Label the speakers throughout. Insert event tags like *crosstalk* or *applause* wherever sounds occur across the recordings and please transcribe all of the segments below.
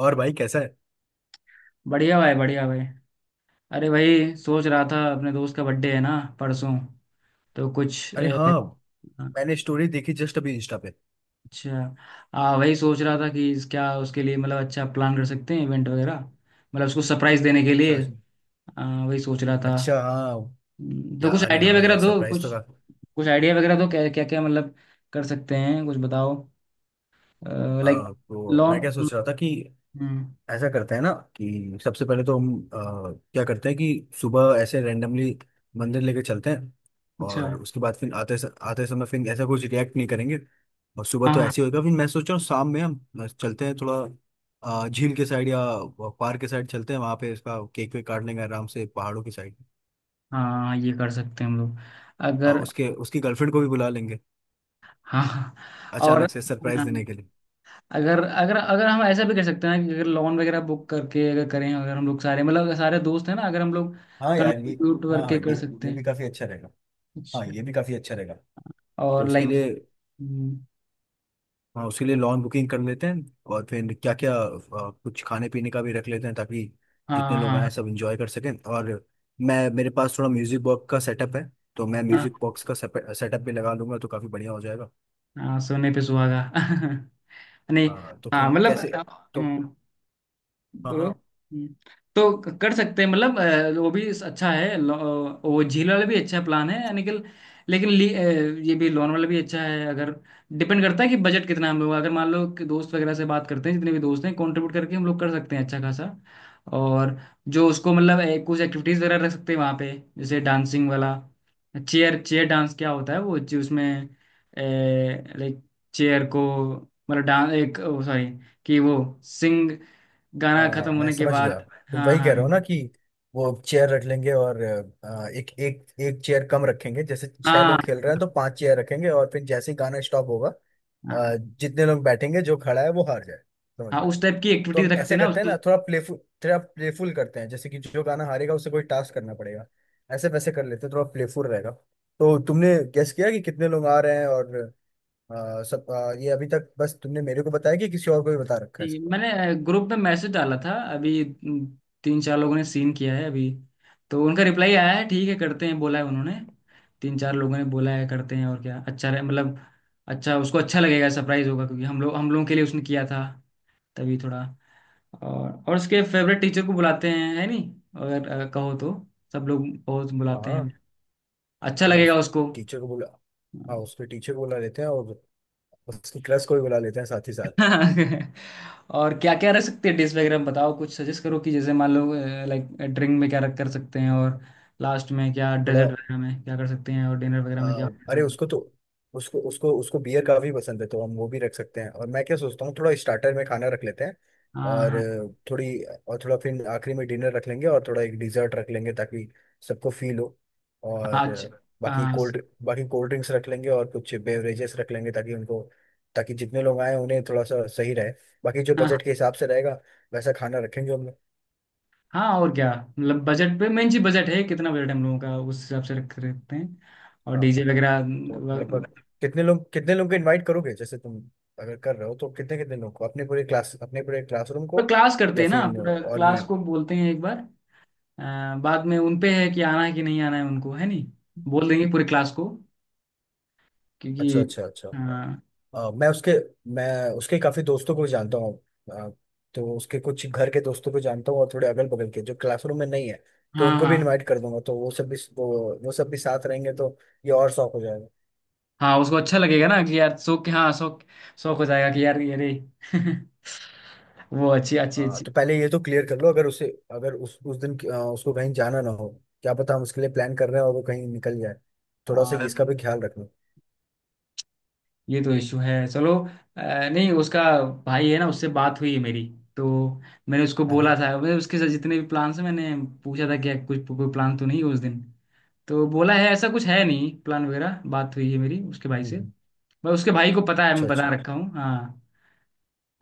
Speaker 1: और भाई कैसा है?
Speaker 2: बढ़िया भाई बढ़िया भाई। अरे भाई, सोच रहा था, अपने दोस्त का बर्थडे है ना, परसों। तो कुछ
Speaker 1: अरे हाँ। मैंने स्टोरी देखी जस्ट अभी इंस्टा पे।
Speaker 2: अच्छा। आ वही सोच रहा था कि क्या उसके लिए, मतलब, अच्छा प्लान कर सकते हैं, इवेंट वगैरह। मतलब उसको सरप्राइज देने के
Speaker 1: अच्छा,
Speaker 2: लिए।
Speaker 1: अच्छा,
Speaker 2: वही सोच रहा था।
Speaker 1: अच्छा। हाँ
Speaker 2: तो
Speaker 1: यार,
Speaker 2: कुछ
Speaker 1: अरे
Speaker 2: आइडिया
Speaker 1: हाँ
Speaker 2: वगैरह
Speaker 1: यार,
Speaker 2: दो
Speaker 1: सरप्राइज
Speaker 2: कुछ।
Speaker 1: तो का।
Speaker 2: कुछ आइडिया वगैरह दो, क्या क्या क्या मतलब, कर सकते हैं कुछ, बताओ। लाइक।
Speaker 1: तो
Speaker 2: लॉन।
Speaker 1: मैं क्या सोच रहा था कि
Speaker 2: हम्म,
Speaker 1: ऐसा करते हैं ना, कि सबसे पहले तो हम क्या करते हैं कि सुबह ऐसे रैंडमली मंदिर लेके चलते हैं। और
Speaker 2: अच्छा।
Speaker 1: उसके बाद फिर आते समय फिर ऐसा कुछ रिएक्ट नहीं करेंगे। और सुबह तो
Speaker 2: हाँ।
Speaker 1: ऐसे ही होगा, फिर मैं सोच रहा हूँ शाम में हम चलते हैं थोड़ा झील के साइड या पार्क के साइड चलते हैं, वहाँ पे इसका केक वेक काट लेंगे आराम से, पहाड़ों की साइड।
Speaker 2: हाँ, ये कर सकते हैं हम लोग,
Speaker 1: और
Speaker 2: अगर।
Speaker 1: उसके उसकी गर्लफ्रेंड को भी बुला लेंगे
Speaker 2: हाँ। और।
Speaker 1: अचानक से सरप्राइज
Speaker 2: हाँ।
Speaker 1: देने के लिए।
Speaker 2: अगर अगर अगर हम ऐसा भी कर सकते हैं ना, कि अगर लोन वगैरह बुक करके, अगर करें, अगर हम लोग सारे, मतलब सारे दोस्त हैं ना, अगर हम लोग
Speaker 1: हाँ यार ये।
Speaker 2: कंट्रीब्यूट
Speaker 1: हाँ हाँ,
Speaker 2: करके
Speaker 1: ये
Speaker 2: कर सकते
Speaker 1: ये भी
Speaker 2: हैं।
Speaker 1: काफी अच्छा रहेगा। हाँ
Speaker 2: अच्छा।
Speaker 1: ये भी काफी अच्छा रहेगा। तो
Speaker 2: और
Speaker 1: उसके
Speaker 2: लाइक।
Speaker 1: लिए, हाँ उसके लिए लॉन बुकिंग कर लेते हैं। और फिर क्या क्या, कुछ खाने पीने का भी रख लेते हैं ताकि जितने
Speaker 2: हाँ
Speaker 1: लोग आए
Speaker 2: हाँ
Speaker 1: सब एंजॉय कर सकें। और मैं मेरे पास थोड़ा म्यूजिक बॉक्स का सेटअप है, तो मैं
Speaker 2: हाँ
Speaker 1: म्यूजिक बॉक्स का सेटअप भी लगा लूंगा, तो काफी बढ़िया हो जाएगा।
Speaker 2: हाँ, सोने पे सुहागा *laughs* नहीं।
Speaker 1: हाँ तो
Speaker 2: हाँ
Speaker 1: फिर
Speaker 2: मतलब।
Speaker 1: कैसे? तो हाँ
Speaker 2: बोलो।
Speaker 1: हाँ।
Speaker 2: हम्म। तो कर सकते हैं, मतलब वो भी अच्छा है वो झील वाला भी अच्छा प्लान है, यानी कि, लेकिन ये भी, लोन वाला भी अच्छा है अगर। डिपेंड करता है कि बजट कितना, हम लोग अगर मान लो कि दोस्त वगैरह से बात करते हैं, जितने भी दोस्त हैं कंट्रीब्यूट करके हम लोग कर सकते हैं अच्छा खासा। और जो उसको, मतलब कुछ एक्टिविटीज वगैरह रख सकते हैं वहाँ पे। जैसे डांसिंग वाला, चेयर चेयर डांस क्या होता है, वो जो उसमें, लाइक चेयर को, मतलब डांस, एक, सॉरी, कि वो सिंग, गाना
Speaker 1: हाँ
Speaker 2: खत्म
Speaker 1: मैं
Speaker 2: होने के
Speaker 1: समझ गया।
Speaker 2: बाद।
Speaker 1: तुम
Speaker 2: हाँ
Speaker 1: वही
Speaker 2: हाँ।
Speaker 1: कह रहे हो ना, कि वो चेयर रख लेंगे और एक एक एक चेयर कम रखेंगे, जैसे छह
Speaker 2: हाँ।
Speaker 1: लोग खेल रहे हैं तो पांच चेयर रखेंगे, और फिर जैसे ही गाना स्टॉप होगा
Speaker 2: हाँ,
Speaker 1: जितने लोग बैठेंगे, जो खड़ा है वो हार जाए। समझ
Speaker 2: हाँ
Speaker 1: गया।
Speaker 2: उस टाइप की
Speaker 1: तो
Speaker 2: एक्टिविटीज
Speaker 1: हम
Speaker 2: रखते
Speaker 1: ऐसे
Speaker 2: हैं ना
Speaker 1: करते हैं ना,
Speaker 2: उसकी।
Speaker 1: थोड़ा प्लेफुल। थोड़ा प्लेफुल करते हैं, जैसे कि जो गाना हारेगा उसे कोई टास्क करना पड़ेगा, ऐसे वैसे कर लेते हैं, थोड़ा प्लेफुल रहेगा। तो तुमने गेस किया कि कितने लोग आ रहे हैं, और सब ये अभी तक बस तुमने मेरे को बताया कि किसी और को भी बता रखा है
Speaker 2: ठीक है।
Speaker 1: इसके
Speaker 2: मैंने ग्रुप में मैसेज डाला था अभी, तीन चार लोगों ने सीन किया है अभी। तो उनका रिप्लाई आया है, ठीक है करते हैं बोला है उन्होंने। तीन चार लोगों ने बोला है, करते हैं, और क्या अच्छा रहे, मतलब अच्छा, उसको अच्छा लगेगा, सरप्राइज होगा, क्योंकि हम लोग, हम लोगों के लिए उसने किया था, तभी थोड़ा। और उसके फेवरेट टीचर को बुलाते हैं, है नहीं, अगर कहो तो। सब लोग बहुत बुलाते
Speaker 1: बारे में?
Speaker 2: हैं, अच्छा
Speaker 1: हाँ
Speaker 2: लगेगा
Speaker 1: उस
Speaker 2: उसको।
Speaker 1: टीचर को बुला हाँ
Speaker 2: हाँ।
Speaker 1: उसके टीचर को बुला लेते हैं, और उसकी क्लास को भी बुला लेते हैं साथ ही साथ।
Speaker 2: *laughs* और क्या क्या रख सकते हैं डिश वगैरह में, बताओ, कुछ सजेस्ट करो कि जैसे मान लो, लाइक ड्रिंक में क्या रख कर सकते हैं, और लास्ट में क्या
Speaker 1: थोड़ा
Speaker 2: डेजर्ट वगैरह में क्या कर सकते हैं, और डिनर वगैरह
Speaker 1: आ,
Speaker 2: में क्या कर
Speaker 1: अरे
Speaker 2: सकते हैं।
Speaker 1: उसको तो, उसको उसको उसको बियर काफी पसंद है, तो हम वो भी रख सकते हैं। और मैं क्या सोचता हूँ, थोड़ा स्टार्टर में खाना रख लेते हैं,
Speaker 2: हाँ
Speaker 1: और
Speaker 2: हाँ।
Speaker 1: थोड़ी और थोड़ा फिर आखिरी में डिनर रख लेंगे, और थोड़ा एक डिजर्ट रख लेंगे ताकि सबको फील हो।
Speaker 2: हाँ।
Speaker 1: और
Speaker 2: अच्छा।
Speaker 1: बाकी कोल्ड ड्रिंक्स रख लेंगे, और कुछ बेवरेजेस रख लेंगे ताकि उनको, ताकि जितने लोग आए उन्हें थोड़ा सा सही रहे। बाकी जो
Speaker 2: हाँ
Speaker 1: बजट के
Speaker 2: हाँ।
Speaker 1: हिसाब से रहेगा, वैसा खाना रखेंगे हम।
Speaker 2: हाँ, और क्या। मतलब, बजट पे मेन चीज, बजट है कितना, बजट हम लोगों का, उस हिसाब से रख रखते हैं। और
Speaker 1: हाँ
Speaker 2: डीजे वगैरह
Speaker 1: तो लगभग कितने लोग, कितने लोग को इनवाइट करोगे? जैसे तुम अगर कर रहे हो तो कितने कितने लोग को? अपने पूरे क्लासरूम
Speaker 2: पूरा
Speaker 1: को,
Speaker 2: क्लास करते
Speaker 1: या
Speaker 2: हैं
Speaker 1: फिर
Speaker 2: ना, पूरा
Speaker 1: और भी।
Speaker 2: क्लास को बोलते हैं एक बार। बाद में उन पे है कि आना है कि नहीं आना है, उनको है नहीं। बोल देंगे पूरी क्लास को,
Speaker 1: अच्छा,
Speaker 2: क्योंकि।
Speaker 1: अच्छा, अच्छा।
Speaker 2: हाँ।
Speaker 1: अ, मैं उसके मैं उसके काफी दोस्तों को जानता हूँ। अ, तो उसके कुछ घर के दोस्तों को जानता हूँ, और थोड़े अगल बगल के जो क्लासरूम में नहीं है, तो
Speaker 2: हाँ
Speaker 1: उनको भी
Speaker 2: हाँ हाँ,
Speaker 1: इनवाइट कर दूंगा। तो वो सब भी साथ रहेंगे, तो ये और शौक हो।
Speaker 2: हाँ, उसको अच्छा लगेगा ना, कि यार शौक, हाँ शौक, शौक हो जाएगा कि यार ये रे। *laughs* वो अच्छी अच्छी
Speaker 1: हाँ
Speaker 2: अच्छी।
Speaker 1: तो पहले ये तो क्लियर कर लो, अगर उसे, अगर उस दिन उसको कहीं जाना ना हो। क्या पता हम उसके लिए प्लान कर रहे हैं और वो कहीं निकल जाए, थोड़ा सा
Speaker 2: हाँ,
Speaker 1: इसका भी ख्याल रखना।
Speaker 2: ये तो इशू है, चलो। नहीं, उसका भाई है ना, उससे बात हुई है मेरी। तो मैंने उसको
Speaker 1: हाँ
Speaker 2: बोला
Speaker 1: हाँ।
Speaker 2: था, मैं उसके साथ जितने भी प्लान्स हैं, मैंने पूछा था कि कुछ कोई प्लान तो नहीं है उस दिन। तो बोला है, ऐसा कुछ है नहीं प्लान वगैरह, बात हुई है मेरी उसके भाई से,
Speaker 1: हम्म।
Speaker 2: बस उसके भाई को पता है,
Speaker 1: अच्छा,
Speaker 2: मैं बता
Speaker 1: अच्छा।
Speaker 2: रखा हूँ, हाँ।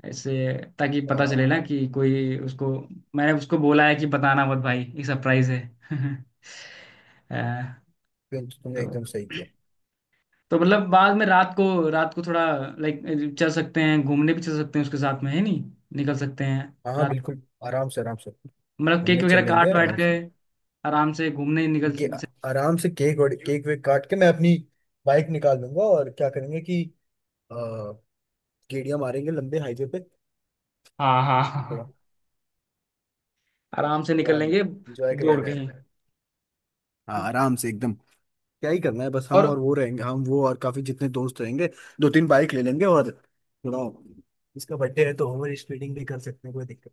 Speaker 2: ऐसे, ताकि पता
Speaker 1: अ,
Speaker 2: चले ना कि कोई उसको, मैंने उसको बोला है कि बताना मत भाई, एक सरप्राइज है। *laughs* अ,
Speaker 1: ये तो तुमने
Speaker 2: तो
Speaker 1: एकदम सही किया।
Speaker 2: मतलब बाद में रात को, रात को थोड़ा लाइक, चल सकते हैं घूमने भी, चल सकते हैं उसके साथ में, है नहीं, निकल सकते हैं
Speaker 1: हाँ हाँ
Speaker 2: रात।
Speaker 1: बिल्कुल, आराम से, आराम से
Speaker 2: मतलब, केक
Speaker 1: घूमने
Speaker 2: वगैरह
Speaker 1: चल लेंगे
Speaker 2: काट वाट
Speaker 1: आराम
Speaker 2: के,
Speaker 1: से।
Speaker 2: आराम से घूमने निकल।
Speaker 1: ये आराम से केक और केक वेक काट के मैं अपनी बाइक निकाल दूंगा, और क्या करेंगे कि अ, गेड़िया मारेंगे लंबे हाईवे पे,
Speaker 2: हाँ हाँ
Speaker 1: थोड़ा
Speaker 2: हाँ, आराम से निकल लेंगे,
Speaker 1: इंजॉय किया
Speaker 2: दौड़ के
Speaker 1: जाएगा।
Speaker 2: ही।
Speaker 1: हाँ आराम से एकदम। क्या ही करना है, बस हम
Speaker 2: और
Speaker 1: और वो रहेंगे, हम वो और काफी जितने दोस्त रहेंगे। दो तीन बाइक ले लेंगे, और थोड़ा, इसका बर्थडे है तो ओवर स्पीडिंग भी कर सकते हैं, कोई दिक्कत।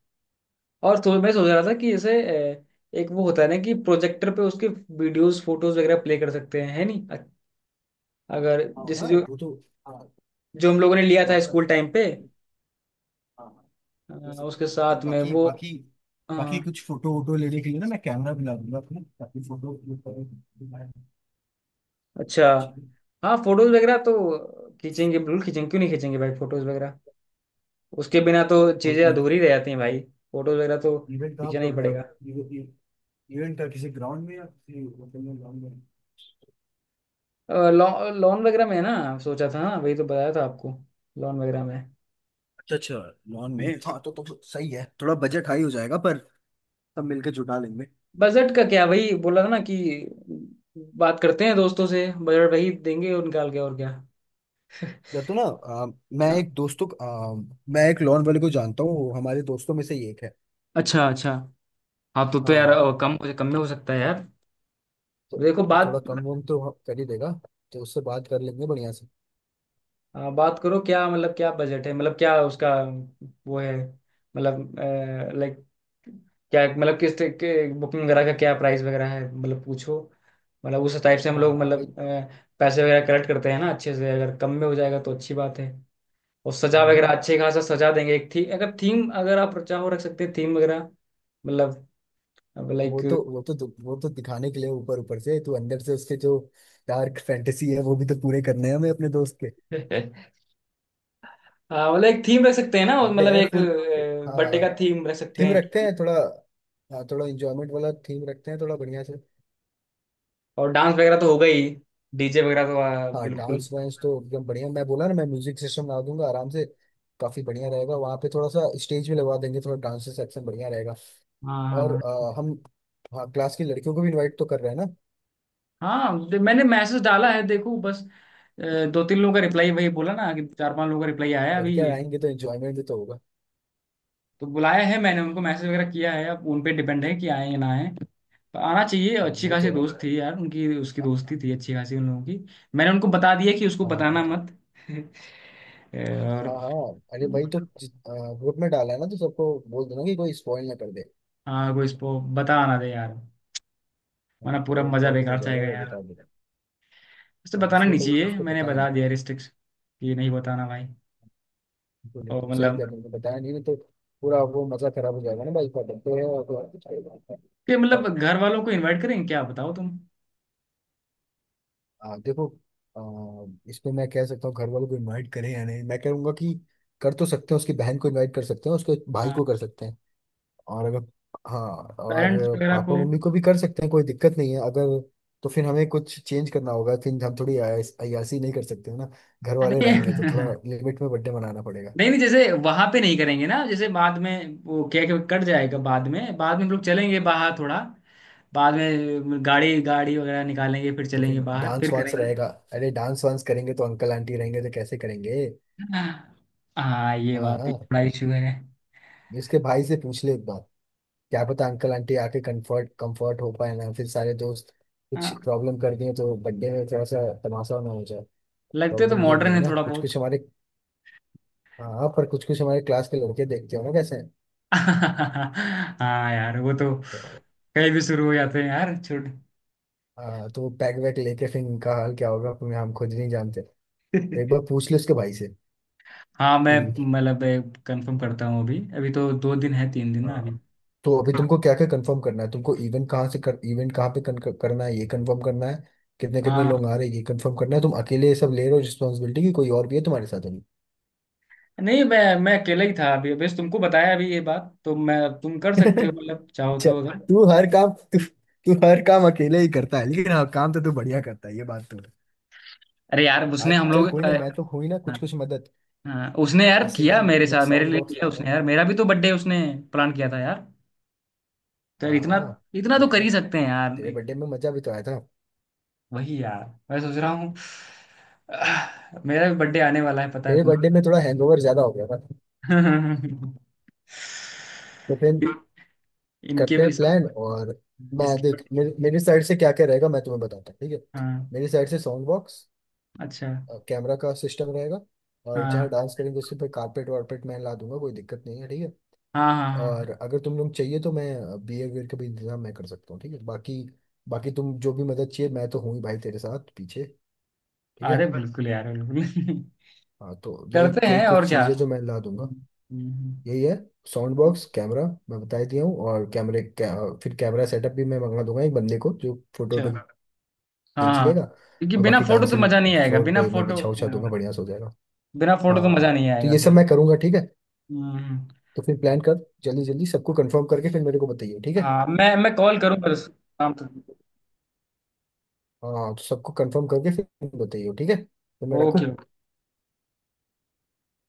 Speaker 2: और तो मैं सोच रहा था कि जैसे अ, एक वो होता है ना, कि प्रोजेक्टर पे उसके वीडियोस फोटोज वगैरह प्ले कर सकते हैं, है नहीं अगर,
Speaker 1: हाँ
Speaker 2: जैसे
Speaker 1: हाँ,
Speaker 2: जो
Speaker 1: वो तो। हाँ
Speaker 2: जो हम लोगों ने लिया था
Speaker 1: proper,
Speaker 2: स्कूल टाइम पे,
Speaker 1: हाँ,
Speaker 2: अ,
Speaker 1: ले सकते
Speaker 2: उसके
Speaker 1: हैं। और
Speaker 2: साथ में
Speaker 1: बाकी
Speaker 2: वो,
Speaker 1: बाकी
Speaker 2: अ,
Speaker 1: बाकी कुछ फोटो वोटो लेने के लिए ना, मैं कैमरा भी ला दूंगा अपना ताकि फोटो क्लिक करें,
Speaker 2: अच्छा।
Speaker 1: ठीक है।
Speaker 2: हाँ, फोटोज वगैरह तो खींचेंगे, बिल्कुल खींचेंगे, क्यों नहीं खींचेंगे भाई, फोटोज वगैरह, उसके बिना तो
Speaker 1: और
Speaker 2: चीजें अधूरी रह जाती हैं भाई, फोटोज वगैरह तो
Speaker 1: इवेंट कहाँ,
Speaker 2: खींचना ही
Speaker 1: प्रोग्राम है
Speaker 2: पड़ेगा।
Speaker 1: इवेंट का? किसी ग्राउंड में या किसी होटल में? ग्राउंड में?
Speaker 2: लॉन वगैरह में है ना, सोचा था, हाँ वही तो बताया था आपको, लॉन वगैरह में।
Speaker 1: अच्छा, अच्छा, लॉन में। हाँ तो सही है। थोड़ा बजट हाई हो जाएगा पर सब मिलके जुटा लेंगे।
Speaker 2: बजट का क्या, वही बोला ना कि बात करते हैं दोस्तों से, बजट वही देंगे और निकाल के, और क्या। *laughs*
Speaker 1: या तो ना मैं
Speaker 2: हाँ,
Speaker 1: एक दोस्तों को- आ, मैं एक लोन वाले को जानता हूँ, वो हमारे दोस्तों में से ही एक है।
Speaker 2: अच्छा अच्छा। हाँ, तो
Speaker 1: हाँ
Speaker 2: यार
Speaker 1: हाँ।
Speaker 2: कम कम में हो सकता है यार।
Speaker 1: तो
Speaker 2: देखो
Speaker 1: तो
Speaker 2: बात।
Speaker 1: थोड़ा कम वम तो वहाँ कर ही देगा। तो उससे बात कर लेंगे बढ़िया से।
Speaker 2: हाँ, बात करो, क्या मतलब, क्या बजट है, मतलब क्या उसका, वो है, मतलब लाइक क्या, मतलब किस तरह के बुकिंग वगैरह का क्या प्राइस वगैरह है, मतलब पूछो। मतलब, उस टाइप से हम
Speaker 1: हाँ
Speaker 2: लोग,
Speaker 1: भाई।
Speaker 2: मतलब पैसे वगैरह कलेक्ट करते हैं ना अच्छे से, अगर कम में हो जाएगा तो अच्छी बात है। और
Speaker 1: हाँ
Speaker 2: सजा
Speaker 1: हाँ,
Speaker 2: वगैरह अच्छे खासा सजा देंगे, एक थी अगर थीम, अगर आप चाहो रख सकते हैं थीम वगैरह, मतलब लाइक।
Speaker 1: वो तो दिखाने के लिए ऊपर ऊपर से। तू अंदर से उसके जो डार्क फैंटेसी है वो भी तो पूरे करने हैं हमें अपने दोस्त के।
Speaker 2: *laughs* हाँ, मतलब एक थीम रख सकते हैं ना,
Speaker 1: बर्थडे
Speaker 2: मतलब
Speaker 1: है
Speaker 2: एक
Speaker 1: फुल। तो हाँ
Speaker 2: बर्थडे
Speaker 1: हाँ,
Speaker 2: का थीम रख सकते
Speaker 1: थीम
Speaker 2: हैं।
Speaker 1: रखते हैं थोड़ा। हाँ थोड़ा इंजॉयमेंट वाला थीम रखते हैं थोड़ा बढ़िया से।
Speaker 2: और डांस वगैरह तो होगा ही, डीजे वगैरह तो
Speaker 1: हाँ
Speaker 2: बिल्कुल।
Speaker 1: डांस वांस तो एकदम बढ़िया। मैं बोला ना मैं म्यूजिक सिस्टम लगा दूंगा आराम से। काफी बढ़िया रहेगा, वहाँ पे थोड़ा सा स्टेज भी लगवा देंगे, थोड़ा डांस सेक्शन बढ़िया रहेगा। और
Speaker 2: हाँ
Speaker 1: हम, हाँ क्लास की लड़कियों को भी इनवाइट तो कर रहे हैं ना।
Speaker 2: हाँ हाँ, मैंने मैसेज डाला है, देखो बस। दो तीन लोगों का रिप्लाई, वही बोला ना कि चार पांच लोगों का रिप्लाई आया है
Speaker 1: लड़कियां
Speaker 2: अभी।
Speaker 1: आएंगी तो एंजॉयमेंट भी तो होगा।
Speaker 2: तो बुलाया है मैंने उनको, मैसेज वगैरह किया है, अब उन पे डिपेंड है कि आए या ना आए। पर आना चाहिए,
Speaker 1: हाँ
Speaker 2: अच्छी
Speaker 1: ये
Speaker 2: खासी
Speaker 1: तो है।
Speaker 2: दोस्त थी यार उनकी, उसकी
Speaker 1: हाँ
Speaker 2: दोस्ती थी अच्छी खासी उन लोगों की। मैंने उनको बता दिया कि उसको
Speaker 1: हाँ हाँ,
Speaker 2: बताना मत। *laughs*
Speaker 1: हाँ
Speaker 2: और,
Speaker 1: हाँ, अरे भाई तो ग्रुप में डाला है ना, तो सबको बोल देना कि कोई स्पॉइल ना कर दे।
Speaker 2: हाँ, कोई इसको बता ना दे यार, वरना
Speaker 1: हाँ तो
Speaker 2: पूरा
Speaker 1: वो
Speaker 2: मजा
Speaker 1: प्रॉब्लम हो
Speaker 2: बेकार
Speaker 1: जाएगा, वो
Speaker 2: जाएगा,
Speaker 1: बता देगा।
Speaker 2: उसे
Speaker 1: हाँ
Speaker 2: बताना
Speaker 1: इसलिए
Speaker 2: नहीं
Speaker 1: कभी
Speaker 2: चाहिए,
Speaker 1: उसको
Speaker 2: मैंने
Speaker 1: पता है,
Speaker 2: बता दिया रिस्ट्रिक्ट कि नहीं बताना भाई।
Speaker 1: तो
Speaker 2: और
Speaker 1: लेकिन सही
Speaker 2: मतलब,
Speaker 1: करने को बताया नहीं, नहीं तो पूरा वो मजा खराब हो जाएगा ना भाई। पकड़ते तो है और तो
Speaker 2: कि मतलब घर वालों को इनवाइट करेंगे क्या, बताओ तुम।
Speaker 1: देखो। इस पे मैं कह सकता हूँ, घर वालों को इनवाइट करें या नहीं? मैं कहूंगा कि कर तो सकते हैं, उसकी बहन को इनवाइट कर सकते हैं, उसके भाई
Speaker 2: हाँ,
Speaker 1: को कर सकते हैं, और अगर, हाँ,
Speaker 2: पेरेंट्स
Speaker 1: और
Speaker 2: वगैरह
Speaker 1: पापा
Speaker 2: को, हाँ।
Speaker 1: मम्मी को भी कर सकते हैं, कोई दिक्कत नहीं है। अगर, तो फिर हमें कुछ चेंज करना होगा, फिर हम थोड़ी अय्यासी नहीं कर सकते हैं ना। घर वाले
Speaker 2: नहीं
Speaker 1: रहेंगे तो
Speaker 2: *laughs*
Speaker 1: थोड़ा लिमिट में बर्थडे मनाना पड़ेगा।
Speaker 2: नहीं नहीं, जैसे वहां पे नहीं करेंगे ना, जैसे बाद में वो केक कट जाएगा, बाद में, बाद में हम लोग चलेंगे बाहर थोड़ा, बाद में गाड़ी गाड़ी वगैरह निकालेंगे, फिर
Speaker 1: तो फिर
Speaker 2: चलेंगे बाहर
Speaker 1: डांस
Speaker 2: फिर
Speaker 1: वांस रहेगा?
Speaker 2: करेंगे।
Speaker 1: अरे डांस वांस करेंगे तो, अंकल आंटी रहेंगे तो कैसे करेंगे?
Speaker 2: हाँ, ये
Speaker 1: हाँ
Speaker 2: बात भी
Speaker 1: हाँ,
Speaker 2: थोड़ा इशू है।
Speaker 1: इसके भाई से पूछ ले एक बार। क्या पता, अंकल आंटी आके कंफर्ट, कंफर्ट हो पाए ना फिर सारे दोस्त कुछ
Speaker 2: हाँ,
Speaker 1: प्रॉब्लम कर दिए तो बर्थडे में थोड़ा सा तमाशा ना हो जाए।
Speaker 2: लगते तो
Speaker 1: प्रॉब्लम ये भी
Speaker 2: मॉडर्न
Speaker 1: है
Speaker 2: है
Speaker 1: ना
Speaker 2: थोड़ा
Speaker 1: कुछ
Speaker 2: बहुत।
Speaker 1: कुछ हमारे। हाँ पर कुछ कुछ हमारे क्लास के लड़के देखते हो ना कैसे हैं।
Speaker 2: *laughs* हाँ यार, वो तो
Speaker 1: तो
Speaker 2: कहीं भी शुरू हो जाते हैं यार, छोड़।
Speaker 1: हाँ, तो पैक वैक लेके फिर इनका हाल क्या होगा फिर हम खुद नहीं जानते। तो एक बार
Speaker 2: *laughs*
Speaker 1: पूछ ले उसके भाई से
Speaker 2: हाँ,
Speaker 1: कि।
Speaker 2: मैं मतलब कंफर्म करता हूँ अभी, अभी तो 2 दिन है, 3 दिन ना
Speaker 1: हाँ
Speaker 2: अभी।
Speaker 1: तो अभी तुमको क्या क्या कंफर्म करना है? तुमको इवेंट कहाँ से कर, इवेंट कहाँ पे करना है, ये कंफर्म करना है। कितने कितने
Speaker 2: हाँ
Speaker 1: लोग आ रहे हैं, ये कंफर्म करना है। तुम अकेले ये सब ले रहे हो रिस्पॉन्सिबिलिटी की, कोई और भी है तुम्हारे साथ अभी?
Speaker 2: नहीं, मैं अकेला ही था अभी, बस तुमको बताया अभी ये बात, तो मैं, तुम कर
Speaker 1: *laughs*
Speaker 2: सकते हो मतलब, चाहो
Speaker 1: अच्छा,
Speaker 2: तो अगर।
Speaker 1: तू हर काम अकेले ही करता है, लेकिन हाँ काम तो तू बढ़िया करता है, ये बात तो है।
Speaker 2: अरे यार, उसने
Speaker 1: आज
Speaker 2: हम
Speaker 1: चल, कोई
Speaker 2: लोग
Speaker 1: ना, मैं तो हुई ना कुछ
Speaker 2: हाँ
Speaker 1: कुछ मदद।
Speaker 2: हाँ, उसने यार
Speaker 1: जैसे
Speaker 2: किया
Speaker 1: कि
Speaker 2: मेरे
Speaker 1: मैं
Speaker 2: साथ, मेरे
Speaker 1: साउंड
Speaker 2: लिए
Speaker 1: बॉक्स
Speaker 2: किया
Speaker 1: ला रहा
Speaker 2: उसने
Speaker 1: हूँ।
Speaker 2: यार, मेरा भी तो बर्थडे उसने प्लान किया था यार। तो यार
Speaker 1: हाँ
Speaker 2: इतना,
Speaker 1: हाँ, ये
Speaker 2: इतना
Speaker 1: तो
Speaker 2: तो कर
Speaker 1: है।
Speaker 2: ही सकते हैं यार।
Speaker 1: तेरे बर्थडे में मजा भी तो आया था।
Speaker 2: वही यार, मैं सोच रहा हूँ। आह, मेरा भी बर्थडे आने वाला है पता है
Speaker 1: तेरे
Speaker 2: तुम।
Speaker 1: बर्थडे में थोड़ा हैंगओवर ज्यादा हो गया था।
Speaker 2: *laughs*
Speaker 1: तो फिर
Speaker 2: इनके
Speaker 1: करते
Speaker 2: भी,
Speaker 1: हैं
Speaker 2: इसके
Speaker 1: प्लान, और मैं
Speaker 2: इसके
Speaker 1: देख
Speaker 2: birthday-।
Speaker 1: मेरी, मेरी साइड से क्या क्या रहेगा मैं तुम्हें बताता हूँ, ठीक है?
Speaker 2: हाँ।
Speaker 1: मेरी साइड से साउंड बॉक्स,
Speaker 2: अच्छा।
Speaker 1: कैमरा का सिस्टम रहेगा। और जहाँ
Speaker 2: हाँ
Speaker 1: डांस करेंगे उसके पे कारपेट वारपेट मैं ला दूंगा, कोई दिक्कत नहीं है, ठीक है।
Speaker 2: हाँ हाँ। हाँ।
Speaker 1: और अगर तुम लोग चाहिए तो मैं बियर वियर का भी इंतजाम मैं कर सकता हूँ, ठीक है। बाकी बाकी तुम जो भी मदद चाहिए मैं तो हूँ ही भाई तेरे साथ पीछे, ठीक है।
Speaker 2: अरे बिल्कुल यार, बिल्कुल। *laughs*
Speaker 1: हाँ तो यही
Speaker 2: करते
Speaker 1: यही
Speaker 2: हैं, और
Speaker 1: कुछ
Speaker 2: क्या।
Speaker 1: चीज़ें जो मैं ला दूंगा।
Speaker 2: हम्म। हम्म।
Speaker 1: यही है साउंड बॉक्स, कैमरा, मैं बता ही दिया हूँ। और फिर कैमरा सेटअप भी मैं मंगा दूंगा, एक बंदे को जो फोटो वोटो।
Speaker 2: अच्छा। हाँ
Speaker 1: ये
Speaker 2: हाँ।
Speaker 1: चलेगा।
Speaker 2: क्योंकि
Speaker 1: और
Speaker 2: बिना
Speaker 1: बाकी
Speaker 2: फोटो तो मजा
Speaker 1: डांसिंग
Speaker 2: नहीं आएगा,
Speaker 1: फ्लोर
Speaker 2: बिना
Speaker 1: पे मैं
Speaker 2: फोटो।
Speaker 1: बिछा उछा दूंगा,
Speaker 2: हाँ,
Speaker 1: बढ़िया से हो जाएगा।
Speaker 2: बिना फोटो तो मजा
Speaker 1: हाँ
Speaker 2: नहीं
Speaker 1: तो
Speaker 2: आएगा
Speaker 1: ये सब
Speaker 2: फिर।
Speaker 1: मैं करूंगा, ठीक है।
Speaker 2: हम्म।
Speaker 1: तो फिर प्लान कर, जल्दी जल्दी सबको कंफर्म करके फिर मेरे को बताइए, ठीक है।
Speaker 2: हाँ, मैं कॉल करूंगा शाम तक।
Speaker 1: हाँ तो सबको कंफर्म करके फिर बताइए, ठीक है। तो मैं रखूँ?
Speaker 2: ओके।